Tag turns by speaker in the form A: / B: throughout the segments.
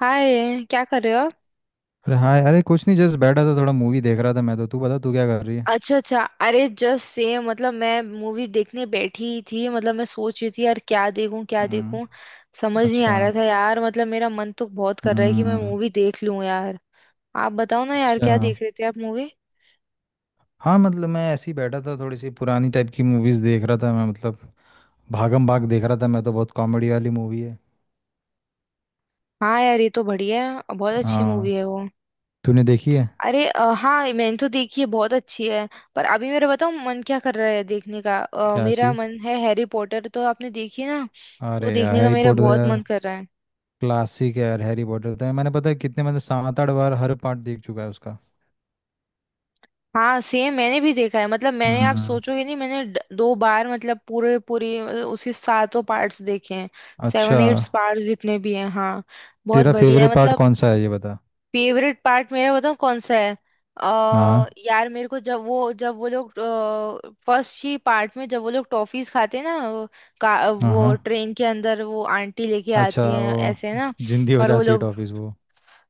A: हाय, क्या कर रहे हो आप?
B: अरे हाँ। अरे कुछ नहीं, जस्ट बैठा था, थोड़ा मूवी देख रहा था मैं तो। तू बता, तू क्या कर रही है।
A: अच्छा अच्छा। अरे जस्ट सेम, मतलब मैं मूवी देखने बैठी ही थी, मतलब मैं सोच रही थी यार क्या देखूं क्या देखूं।
B: हम्म।
A: समझ नहीं
B: अच्छा।
A: आ रहा था यार, मतलब मेरा मन तो बहुत कर रहा है कि मैं
B: हम्म।
A: मूवी देख लूं यार। आप बताओ ना यार,
B: अच्छा।
A: क्या देख रहे थे आप मूवी?
B: हाँ मतलब मैं ऐसे ही बैठा था, थोड़ी सी पुरानी टाइप की मूवीज़ देख रहा था मैं, मतलब भागम भाग देख रहा था मैं तो। बहुत कॉमेडी वाली मूवी है।
A: हाँ यार, ये तो बढ़िया है, बहुत अच्छी
B: हाँ।
A: मूवी है वो।
B: तूने देखी है?
A: अरे हाँ मैंने तो देखी है, बहुत अच्छी है। पर अभी मेरा बताओ मन क्या कर रहा है देखने का,
B: क्या
A: मेरा
B: चीज़?
A: मन है हैरी पॉटर, तो आपने देखी ना। वो
B: अरे यार
A: देखने का
B: हैरी
A: मेरा
B: पॉटर तो
A: बहुत
B: यार
A: मन कर रहा है।
B: क्लासिक है। यार हैरी पॉटर तो मैंने पता है कितने मतलब सात आठ बार हर पार्ट देख चुका है उसका।
A: हाँ सेम, मैंने भी देखा है, मतलब मैंने आप
B: हम्म।
A: सोचोगे नहीं, मैंने दो बार मतलब पूरे पूरी मतलब उसके सातों पार्ट्स देखे हैं।
B: अच्छा।
A: सेवन एट्स पार्ट्स जितने भी हैं हाँ। बहुत
B: तेरा
A: बढ़िया है
B: फेवरेट पार्ट
A: मतलब।
B: कौन सा है ये बता।
A: फेवरेट पार्ट मेरा बताऊँ कौन सा है। अ
B: हाँ
A: यार मेरे को जब वो लोग फर्स्ट ही पार्ट में जब वो लोग टॉफीज खाते हैं ना
B: हाँ
A: वो
B: हाँ।
A: ट्रेन के अंदर वो आंटी लेके
B: अच्छा
A: आती है
B: वो
A: ऐसे ना।
B: जिंदी हो
A: और वो
B: जाती है
A: लोग
B: टॉफीज वो।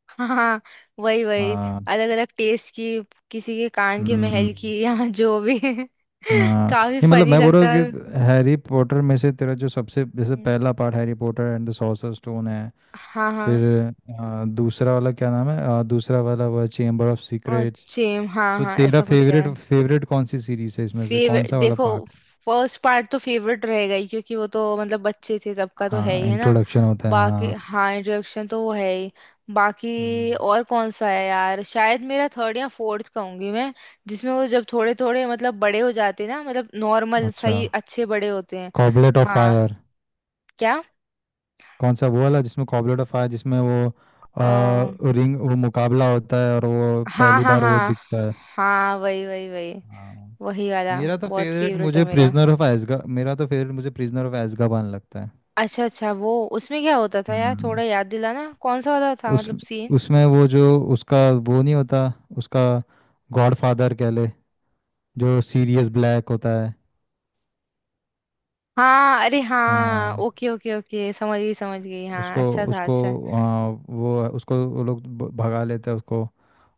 A: हाँ हाँ, वही वही
B: हाँ।
A: अलग अलग टेस्ट की, किसी के कान की,
B: हम्म।
A: महल की या जो भी
B: हाँ
A: काफी
B: नहीं मतलब
A: फनी
B: मैं बोल रहा हूँ
A: लगता है।
B: कि हैरी पॉटर में से तेरा जो सबसे जैसे
A: हम्म,
B: पहला part Harry Potter and the sorcerer stone है।
A: हाँ हाँ
B: फिर दूसरा वाला क्या नाम है, दूसरा वाला वो चेम्बर ऑफ
A: और
B: सीक्रेट्स।
A: सेम हाँ
B: तो
A: हाँ,
B: तेरा
A: ऐसा कुछ है।
B: फेवरेट फेवरेट कौन सी सीरीज है इसमें से, कौन
A: फेवरेट
B: सा वाला
A: देखो,
B: पार्ट?
A: फर्स्ट पार्ट तो फेवरेट रहेगा ही, क्योंकि वो तो मतलब बच्चे थे तब का तो है
B: हाँ
A: ही, है ना।
B: इंट्रोडक्शन होता है
A: बाकी
B: हाँ।
A: हाँ, इंट्रोडक्शन तो वो है ही। बाकी
B: हम्म।
A: और कौन सा है यार, शायद मेरा थर्ड या फोर्थ कहूंगी मैं। जिसमें वो जब थोड़े थोड़े मतलब बड़े हो जाते हैं ना, मतलब नॉर्मल
B: अच्छा।
A: सही अच्छे बड़े होते हैं।
B: गॉबलेट ऑफ
A: हाँ,
B: फायर।
A: क्या?
B: कौन सा वो वाला जिसमें कॉबलेट ऑफ फायर जिसमें वो
A: अ,
B: रिंग, वो मुकाबला होता है और वो
A: हाँ
B: पहली
A: हाँ
B: बार वो
A: हाँ।
B: दिखता है।
A: हाँ वही वही वही,
B: हाँ।
A: वही वाला।
B: मेरा तो
A: बहुत
B: फेवरेट
A: फेवरेट है
B: मुझे
A: मेरा।
B: प्रिजनर ऑफ एज़्काबान, मेरा तो फेवरेट मुझे प्रिजनर ऑफ एज़्काबान लगता है।
A: अच्छा अच्छा वो, उसमें क्या होता था यार,
B: हम्म।
A: थोड़ा याद दिलाना कौन सा वाला था
B: उस,
A: मतलब सीन।
B: उसमें वो जो उसका, वो नहीं होता उसका गॉडफादर कह ले, जो सीरियस ब्लैक होता है।
A: हाँ अरे हाँ,
B: हाँ।
A: ओके ओके ओके, समझ गई समझ गई, हाँ
B: उसको,
A: अच्छा था
B: उसको
A: अच्छा।
B: वो उसको वो लोग भगा लेते हैं उसको।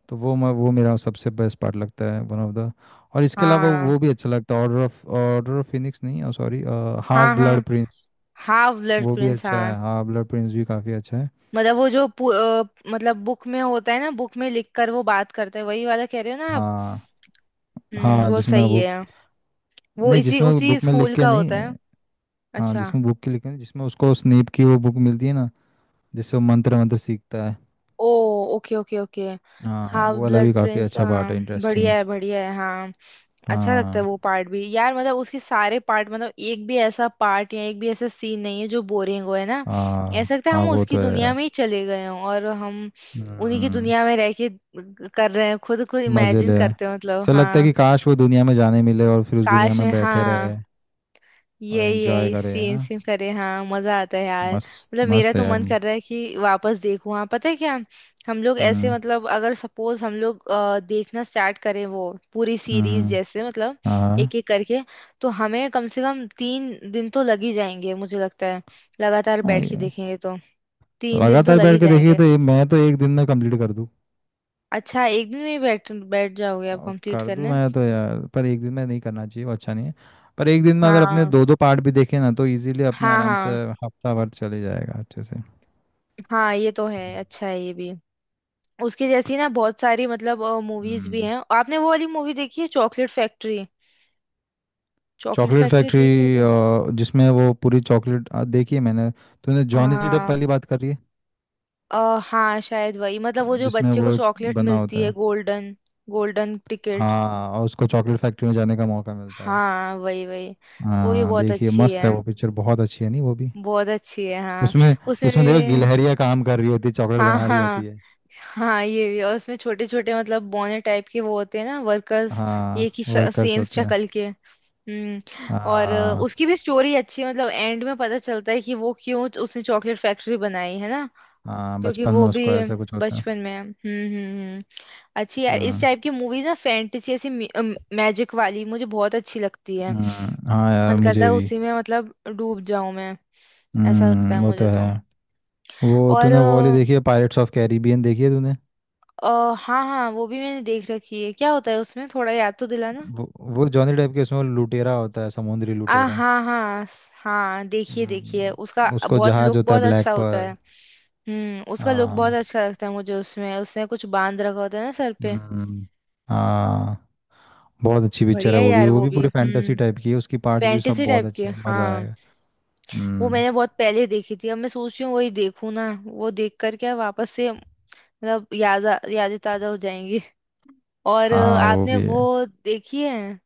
B: तो वो मैं वो मेरा सबसे बेस्ट पार्ट लगता है, वन ऑफ द। और इसके अलावा
A: हाँ
B: वो भी अच्छा लगता है, order of, order of Phoenix, नहीं सॉरी, हाफ
A: हाँ। हाँ
B: ब्लड प्रिंस।
A: हाँ, ब्लड
B: वो भी
A: प्रिंस
B: अच्छा
A: हाँ।
B: है, हाफ ब्लड प्रिंस भी काफ़ी अच्छा है।
A: मतलब वो जो मतलब बुक में होता है ना, बुक में लिख कर वो बात करते हैं, वही वाला कह रहे हो ना आप।
B: हाँ।
A: हम्म,
B: हाँ
A: वो
B: जिसमें
A: सही
B: वो।
A: है। वो
B: नहीं
A: इसी
B: जिसमें
A: उसी
B: बुक में लिख
A: स्कूल
B: के
A: का होता
B: नहीं।
A: है।
B: हाँ
A: अच्छा।
B: जिसमें बुक के लिखे नहीं, जिसमें उसको स्नेप की वो बुक मिलती है ना, जिससे वो मंत्र मंत्र सीखता है।
A: Oh okay okay okay.
B: हाँ
A: हाफ
B: वो वाला भी
A: ब्लड
B: काफ़ी
A: प्रिंस
B: अच्छा पार्ट
A: हाँ।
B: है, इंटरेस्टिंग।
A: बढ़िया है हाँ। अच्छा लगता है वो
B: हाँ
A: पार्ट भी यार, मतलब उसके सारे पार्ट, मतलब एक भी ऐसा पार्ट या एक भी ऐसा सीन नहीं है जो बोरिंग हो, है ना। ऐसा
B: हाँ।
A: लगता है
B: हाँ
A: हम
B: वो तो
A: उसकी
B: है
A: दुनिया
B: यार।
A: में ही चले गए हों, और हम उन्हीं की
B: हम्म।
A: दुनिया में रह के कर रहे हैं, खुद को
B: मजे
A: इमेजिन
B: ले,
A: करते हैं मतलब
B: सर लगता है
A: हाँ।
B: कि काश वो दुनिया में जाने मिले और फिर उस दुनिया
A: काश
B: में
A: में
B: बैठे
A: हाँ,
B: रहे और
A: यही
B: एंजॉय
A: यही
B: करे, है
A: सेम
B: ना?
A: सेम करे हाँ। मजा आता है यार,
B: मस्त
A: मतलब मेरा
B: मस्त है
A: तो
B: यार।
A: मन कर रहा है कि वापस देखूं। हाँ पता है क्या, हम लोग ऐसे
B: हम्म।
A: मतलब अगर सपोज हम लोग देखना स्टार्ट करें वो पूरी सीरीज
B: हम्म।
A: जैसे मतलब
B: हाँ हाँ।
A: एक एक करके, तो हमें कम से कम तीन दिन तो लग ही जाएंगे मुझे लगता है। लगातार
B: हाँ,
A: बैठ के
B: ये
A: देखेंगे तो तीन दिन तो
B: लगातार
A: लग ही
B: बैठ के देखिए
A: जाएंगे।
B: तो ये मैं तो एक दिन में कंप्लीट कर दूँ।
A: अच्छा एक दिन में ही बैठ बैठ जाओगे आप कंप्लीट
B: कर दूँ
A: करने।
B: मैं तो यार, पर एक दिन में नहीं करना चाहिए, वो अच्छा नहीं है। पर एक दिन में अगर अपने
A: हाँ
B: दो दो पार्ट भी देखे ना तो इजीली, अपने
A: हाँ
B: आराम से
A: हाँ।
B: हफ्ता भर चले जाएगा अच्छे से।
A: हाँ ये तो है, अच्छा है ये भी। उसकी जैसी ना बहुत सारी मतलब मूवीज भी
B: हम्म।
A: हैं, आपने वो वाली मूवी देखी है chocolate factory? Chocolate
B: chocolate
A: factory
B: factory?
A: देख रहे क्या?
B: जिसमें वो पूरी चॉकलेट देखिए मैंने। तूने जॉनी डेप
A: हाँ
B: वाली बात करी है?
A: हाँ शायद वही, मतलब वो जो
B: जिसमें
A: बच्चे को
B: वो
A: चॉकलेट
B: बना
A: मिलती
B: होता
A: है
B: है।
A: Golden, golden ticket.
B: हाँ, और उसको चॉकलेट फैक्ट्री में जाने का मौका मिलता है।
A: हाँ वही वही। वो भी
B: हाँ
A: बहुत
B: देखिए
A: अच्छी
B: मस्त है
A: है,
B: वो पिक्चर, बहुत अच्छी है, नहीं वो भी।
A: बहुत अच्छी है हाँ।
B: उसमें,
A: उसमें
B: उसमें
A: भी
B: देखो गिलहरियाँ काम कर रही होती है, चॉकलेट
A: हाँ
B: बना रही
A: हाँ।
B: होती है।
A: हाँ ये भी, और उसमें छोटे छोटे मतलब बौने टाइप के वो होते हैं ना, वर्कर्स, एक
B: हाँ
A: ही
B: वर्कर्स
A: सेम
B: होते हैं।
A: शक्ल के। हम्म। और
B: हाँ
A: उसकी भी स्टोरी अच्छी है, मतलब एंड में पता चलता है कि वो क्यों उसने चॉकलेट फैक्ट्री बनाई है ना,
B: हाँ,
A: क्योंकि
B: बचपन
A: वो
B: में
A: भी
B: उसको ऐसा कुछ होता है।
A: बचपन में। हम्म। हम्म। अच्छी यार इस
B: हम्म।
A: टाइप की मूवीज ना, फैंटेसी ऐसी मैजिक वाली मुझे बहुत अच्छी लगती है।
B: हाँ यार
A: मन करता
B: मुझे
A: है
B: भी।
A: उसी में मतलब डूब जाऊं मैं, ऐसा लगता है
B: वो तो
A: मुझे
B: है।
A: तो।
B: वो
A: और
B: तूने वो वाली देखी है, पायरेट्स ऑफ कैरिबियन देखी है तूने?
A: हाँ हाँ वो भी मैंने देख रखी है, क्या होता है उसमें थोड़ा याद तो दिलाना।
B: वो वो जॉनी डेप के, उसमें वो लुटेरा होता है, समुद्री
A: आ
B: लुटेरा।
A: हाँ हाँ हाँ देखिए देखिए, उसका
B: उसको
A: बहुत
B: जहाज
A: लुक
B: होता है
A: बहुत
B: ब्लैक
A: अच्छा होता है।
B: पर्ल।
A: उसका लुक बहुत
B: हाँ।
A: अच्छा लगता है मुझे, उसमें उसने कुछ बांध रखा होता है ना सर पे।
B: हम्म। हाँ। बहुत अच्छी पिक्चर
A: बढ़िया
B: है
A: है
B: वो भी,
A: यार
B: वो
A: वो
B: भी
A: भी
B: पूरी फैंटेसी
A: हम्म,
B: टाइप की है, उसकी पार्ट्स भी सब
A: फैंटेसी
B: बहुत
A: टाइप की
B: अच्छे हैं, मज़ा
A: हाँ।
B: आएगा।
A: वो
B: हम्म।
A: मैंने बहुत पहले देखी थी, अब मैं सोच रही हूँ वही देखूँ ना, वो देख कर क्या वापस से मतलब यादें ताजा हो जाएंगी। और
B: हाँ वो
A: आपने
B: भी है।
A: वो देखी है,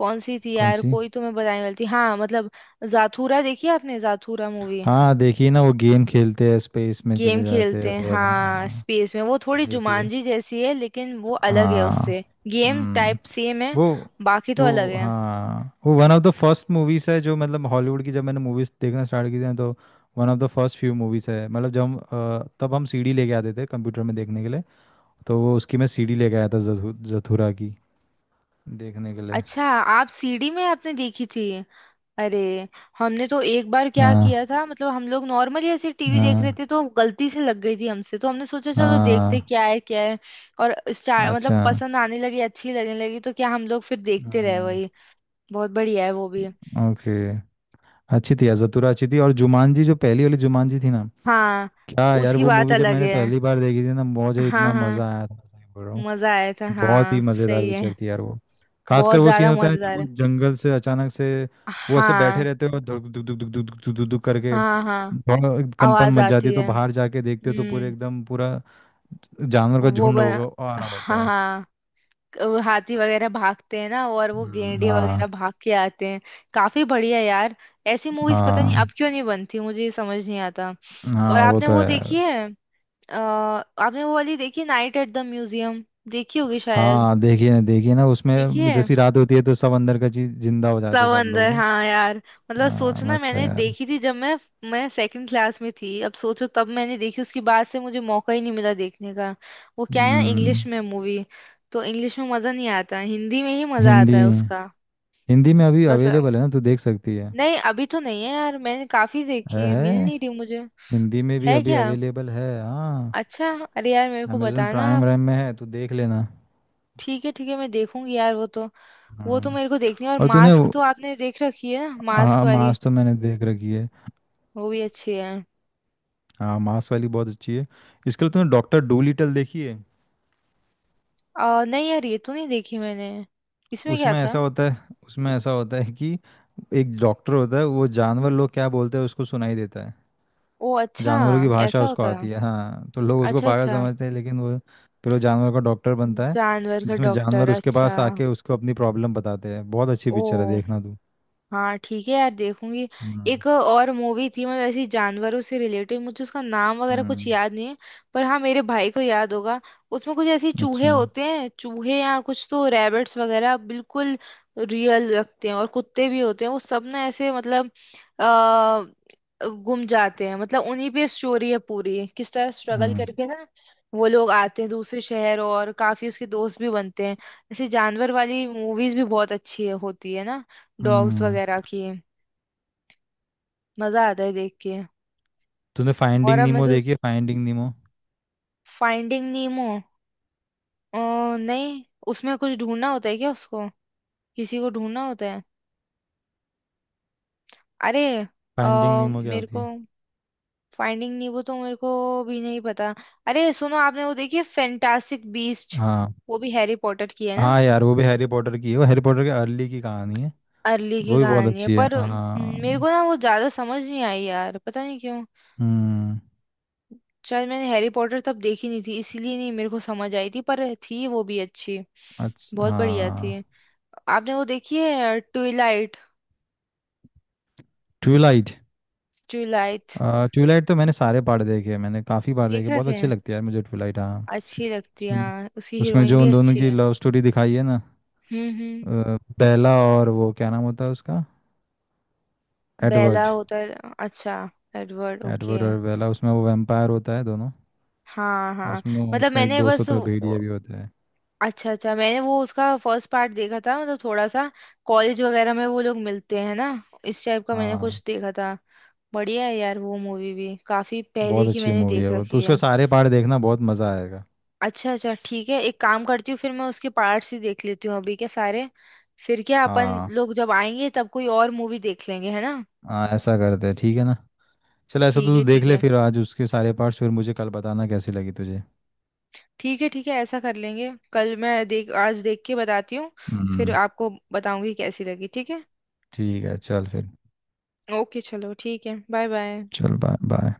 A: कौन सी थी
B: कौन
A: यार,
B: सी?
A: कोई तो मैं बताने वाली थी हाँ मतलब। जाथूरा देखी है आपने, जाथूरा मूवी?
B: हाँ देखिए ना, वो गेम खेलते हैं, स्पेस में
A: गेम
B: चले जाते हैं
A: खेलते हैं
B: वो वाला,
A: हाँ
B: हाँ।
A: स्पेस में, वो थोड़ी
B: देखिए।
A: जुमांजी जैसी है लेकिन वो अलग है उससे,
B: हाँ।
A: गेम
B: हम्म।
A: टाइप सेम है
B: वो।
A: बाकी तो अलग
B: वो
A: है।
B: हाँ वो one of the first movies है जो मतलब हॉलीवुड की, जब मैंने मूवीज देखना स्टार्ट की थी ना, तो one of the first few movies है, मतलब जब हम तब हम सीडी लेके आते थे कंप्यूटर में देखने के लिए। तो वो उसकी मैं सीडी लेके आया था, जथुरा की देखने के लिए।
A: अच्छा, आप सीडी में आपने देखी थी? अरे हमने तो एक बार क्या किया
B: हाँ
A: था, मतलब हम लोग नॉर्मली ऐसे टीवी देख रहे
B: हाँ
A: थे तो गलती से लग गई थी हमसे, तो हमने सोचा चलो देखते
B: हाँ।
A: क्या है क्या है। और स्टार मतलब
B: अच्छा।
A: पसंद आने लगी, अच्छी लगने लगी, तो क्या हम लोग फिर देखते रहे
B: हम्म।
A: वही। बहुत बढ़िया है वो भी।
B: ओके। अच्छी थी यार जतुरा, अच्छी थी। और जुमानजी, जो पहली वाली जुमानजी थी ना,
A: हाँ
B: क्या यार
A: उसकी
B: वो
A: बात
B: मूवी जब
A: अलग
B: मैंने
A: है।
B: पहली बार देखी थी ना, मुझे
A: हाँ
B: इतना
A: हाँ
B: मजा आया था, सही बोल रहा हूँ।
A: मजा आया था,
B: बहुत ही
A: हाँ
B: मजेदार
A: सही है।
B: पिक्चर थी यार वो। खासकर
A: बहुत
B: वो सीन
A: ज्यादा
B: होता है ना जब
A: मजेदार
B: वो
A: है।
B: जंगल से अचानक से वो ऐसे बैठे
A: हाँ
B: रहते हो, धुक धुक धुक धुक धुक धुक धुक धुक करके,
A: हाँ हाँ
B: थोड़ा कंपन
A: आवाज
B: मच जाती है,
A: आती
B: तो
A: है।
B: बाहर जाके देखते हो तो पूरे
A: हम्म
B: एकदम पूरा जानवर का
A: वो
B: झुंड
A: बना,
B: होगा आ रहा होता
A: हाँ
B: है।
A: हाँ वो हाथी वगैरह भागते हैं ना, और वो गेंडे
B: हाँ।
A: वगैरह भाग के आते हैं। काफी बढ़िया यार। ऐसी मूवीज पता नहीं अब
B: हाँ
A: क्यों नहीं बनती, मुझे ये समझ नहीं आता। और
B: हाँ, वो
A: आपने
B: तो है
A: वो देखी
B: यार।
A: है, आपने वो वाली देखी नाइट एट द म्यूजियम, देखी होगी शायद?
B: हाँ देखिए ना, देखिए ना उसमें
A: देखिए
B: जैसी रात होती है तो सब अंदर का चीज जिंदा हो जाते हैं सब लोग
A: समंदर
B: नहीं।
A: हाँ यार। मतलब
B: हाँ
A: सोचो ना,
B: मस्त है
A: मैंने
B: यार।
A: देखी थी जब मैं सेकंड क्लास में थी, अब सोचो तब मैंने देखी, उसके बाद से मुझे मौका ही नहीं मिला देखने का। वो क्या है ना, इंग्लिश
B: हम्म।
A: में मूवी, तो इंग्लिश में मजा नहीं आता, हिंदी में ही मजा आता
B: हिंदी।
A: है उसका।
B: हिंदी में अभी
A: बस
B: अवेलेबल है ना, तू देख सकती है।
A: नहीं अभी तो नहीं है यार, मैंने काफी
B: है
A: देखी, मिल
B: है
A: नहीं रही मुझे।
B: हिंदी में भी
A: है
B: अभी
A: क्या?
B: अवेलेबल है हाँ।
A: अच्छा। अरे यार मेरे को
B: अमेजन
A: बताना
B: प्राइम
A: आप।
B: वाइम में है, तू देख लेना।
A: ठीक है मैं देखूंगी यार वो तो। वो तो
B: हाँ।
A: मेरे को देखनी है। और
B: और तूने
A: मास्क
B: वो-।
A: तो आपने देख रखी है ना, मास्क
B: हाँ
A: वाली?
B: मास तो मैंने देख रखी है।
A: वो भी अच्छी है।
B: हाँ मास वाली बहुत अच्छी है। इसके लिए तूने डॉक्टर डू लिटल देखी है?
A: नहीं यार ये तो नहीं देखी मैंने, इसमें क्या
B: उसमें ऐसा
A: था?
B: होता है, उसमें ऐसा होता है कि एक डॉक्टर होता है, वो जानवर लोग क्या बोलते हैं उसको सुनाई देता है,
A: ओ अच्छा।
B: जानवरों की
A: जानवर।
B: भाषा
A: ऐसा
B: उसको
A: होता है?
B: आती है। हाँ तो लोग उसको
A: अच्छा
B: पागल
A: अच्छा।
B: समझते हैं लेकिन वो फिर वो जानवर का डॉक्टर बनता है,
A: जानवर का
B: जिसमें
A: डॉक्टर,
B: जानवर उसके
A: अच्छा।
B: पास आके उसको अपनी प्रॉब्लम बताते हैं। बहुत अच्छी
A: ओ
B: पिक्चर है, देखना तू।
A: हाँ ठीक है यार देखूंगी।
B: हम्म।
A: एक और मूवी थी मतलब ऐसी जानवरों से रिलेटेड, मुझे उसका नाम वगैरह कुछ
B: हम्म,
A: याद नहीं है, पर हाँ मेरे भाई को याद होगा। उसमें कुछ ऐसे चूहे
B: अच्छा।
A: होते हैं, चूहे या कुछ तो रैबिट्स वगैरह, बिल्कुल रियल लगते हैं, और कुत्ते भी होते हैं वो सब ना, ऐसे मतलब आ, गुम जाते हैं, मतलब उन्हीं पे स्टोरी है पूरी, किस तरह स्ट्रगल
B: हम्म।
A: करके ना वो लोग आते हैं दूसरे शहर, और काफी उसके दोस्त भी बनते हैं। ऐसे जानवर वाली मूवीज भी बहुत अच्छी है, होती है ना, डॉग्स
B: हम्म।
A: वगैरह की, मजा आता है देख के।
B: तूने
A: और
B: फाइंडिंग
A: अब मैं
B: नीमो
A: तो,
B: देखी है, फाइंडिंग नीमो?
A: फाइंडिंग नीमो अ, नहीं, उसमें कुछ ढूंढना होता है क्या, उसको किसी को ढूंढना होता है? अरे अ,
B: फाइंडिंग नीमो क्या
A: मेरे
B: होती
A: को,
B: है?
A: फाइंडिंग नीमो तो मेरे को भी नहीं पता। अरे सुनो, आपने वो देखी है फैंटास्टिक बीस्ट?
B: हाँ
A: वो भी हैरी पॉटर की है ना।
B: हाँ यार वो भी हैरी पॉटर की है, वो हैरी पॉटर के अर्ली की कहानी है।
A: अर्ली
B: वो
A: की
B: भी बहुत
A: कहानी है
B: अच्छी है
A: पर
B: हाँ।
A: मेरे को ना वो ज्यादा समझ नहीं आई यार, पता नहीं क्यों,
B: हम्म।
A: शायद मैंने हैरी पॉटर तब देखी नहीं थी, इसीलिए नहीं मेरे को समझ आई थी, पर थी वो भी अच्छी।
B: अच्छा
A: बहुत बढ़िया थी।
B: हाँ।
A: आपने वो देखी है ट्विलाइट?
B: ट्यूबलाइट?
A: ट्विलाइट।
B: ट्यूबलाइट तो मैंने सारे पार्ट देखे हैं, मैंने काफ़ी बार
A: देख
B: देखे, बहुत
A: रखे
B: अच्छी
A: हैं,
B: लगती है यार मुझे ट्यूबलाइट हाँ।
A: अच्छी लगती है
B: उसमें,
A: हाँ, उसकी
B: उसमें
A: हीरोइन
B: जो
A: भी
B: उन दोनों
A: अच्छी
B: की
A: है।
B: लव स्टोरी दिखाई है ना,
A: हम्म।
B: बेला, और वो क्या नाम होता है उसका?
A: बेला
B: एडवर्ड।
A: होता है, अच्छा, एडवर्ड ओके।
B: एडवर्ड और बेला, उसमें वो वैम्पायर होता है दोनों।
A: हाँ
B: और
A: हाँ।
B: उसमें
A: मतलब
B: उसका एक
A: मैंने
B: दोस्त
A: बस
B: होता है,
A: वो-,
B: भेड़िया भी होता है।
A: अच्छा अच्छा मैंने वो उसका फर्स्ट पार्ट देखा था, मतलब थोड़ा सा कॉलेज वगैरह में वो लोग मिलते हैं ना, इस टाइप का मैंने
B: हाँ।
A: कुछ देखा था। बढ़िया है यार वो मूवी भी, काफी
B: बहुत
A: पहले की
B: अच्छी
A: मैंने
B: मूवी है
A: देख
B: वो तो,
A: रखी
B: उसका
A: है।
B: सारे पार्ट देखना, बहुत मज़ा आएगा।
A: अच्छा अच्छा ठीक है, एक काम करती हूँ, फिर मैं उसके पार्ट्स ही देख लेती हूँ अभी के सारे। फिर क्या अपन
B: हाँ।
A: लोग जब आएंगे तब कोई और मूवी देख लेंगे, है ना।
B: हाँ ऐसा करते हैं, ठीक है ना? चल ऐसा तो
A: ठीक
B: तू
A: है
B: देख
A: ठीक
B: ले
A: है।
B: फिर आज उसके सारे पार्ट्स, फिर मुझे कल बताना कैसी लगी तुझे।
A: ठीक है ठीक है, ऐसा कर लेंगे, कल मैं देख, आज देख के बताती हूँ। फिर
B: हम्म।
A: आपको बताऊंगी कैसी लगी, ठीक है।
B: ठीक है चल फिर।
A: ओके चलो ठीक है, बाय बाय।
B: चल बाय बाय।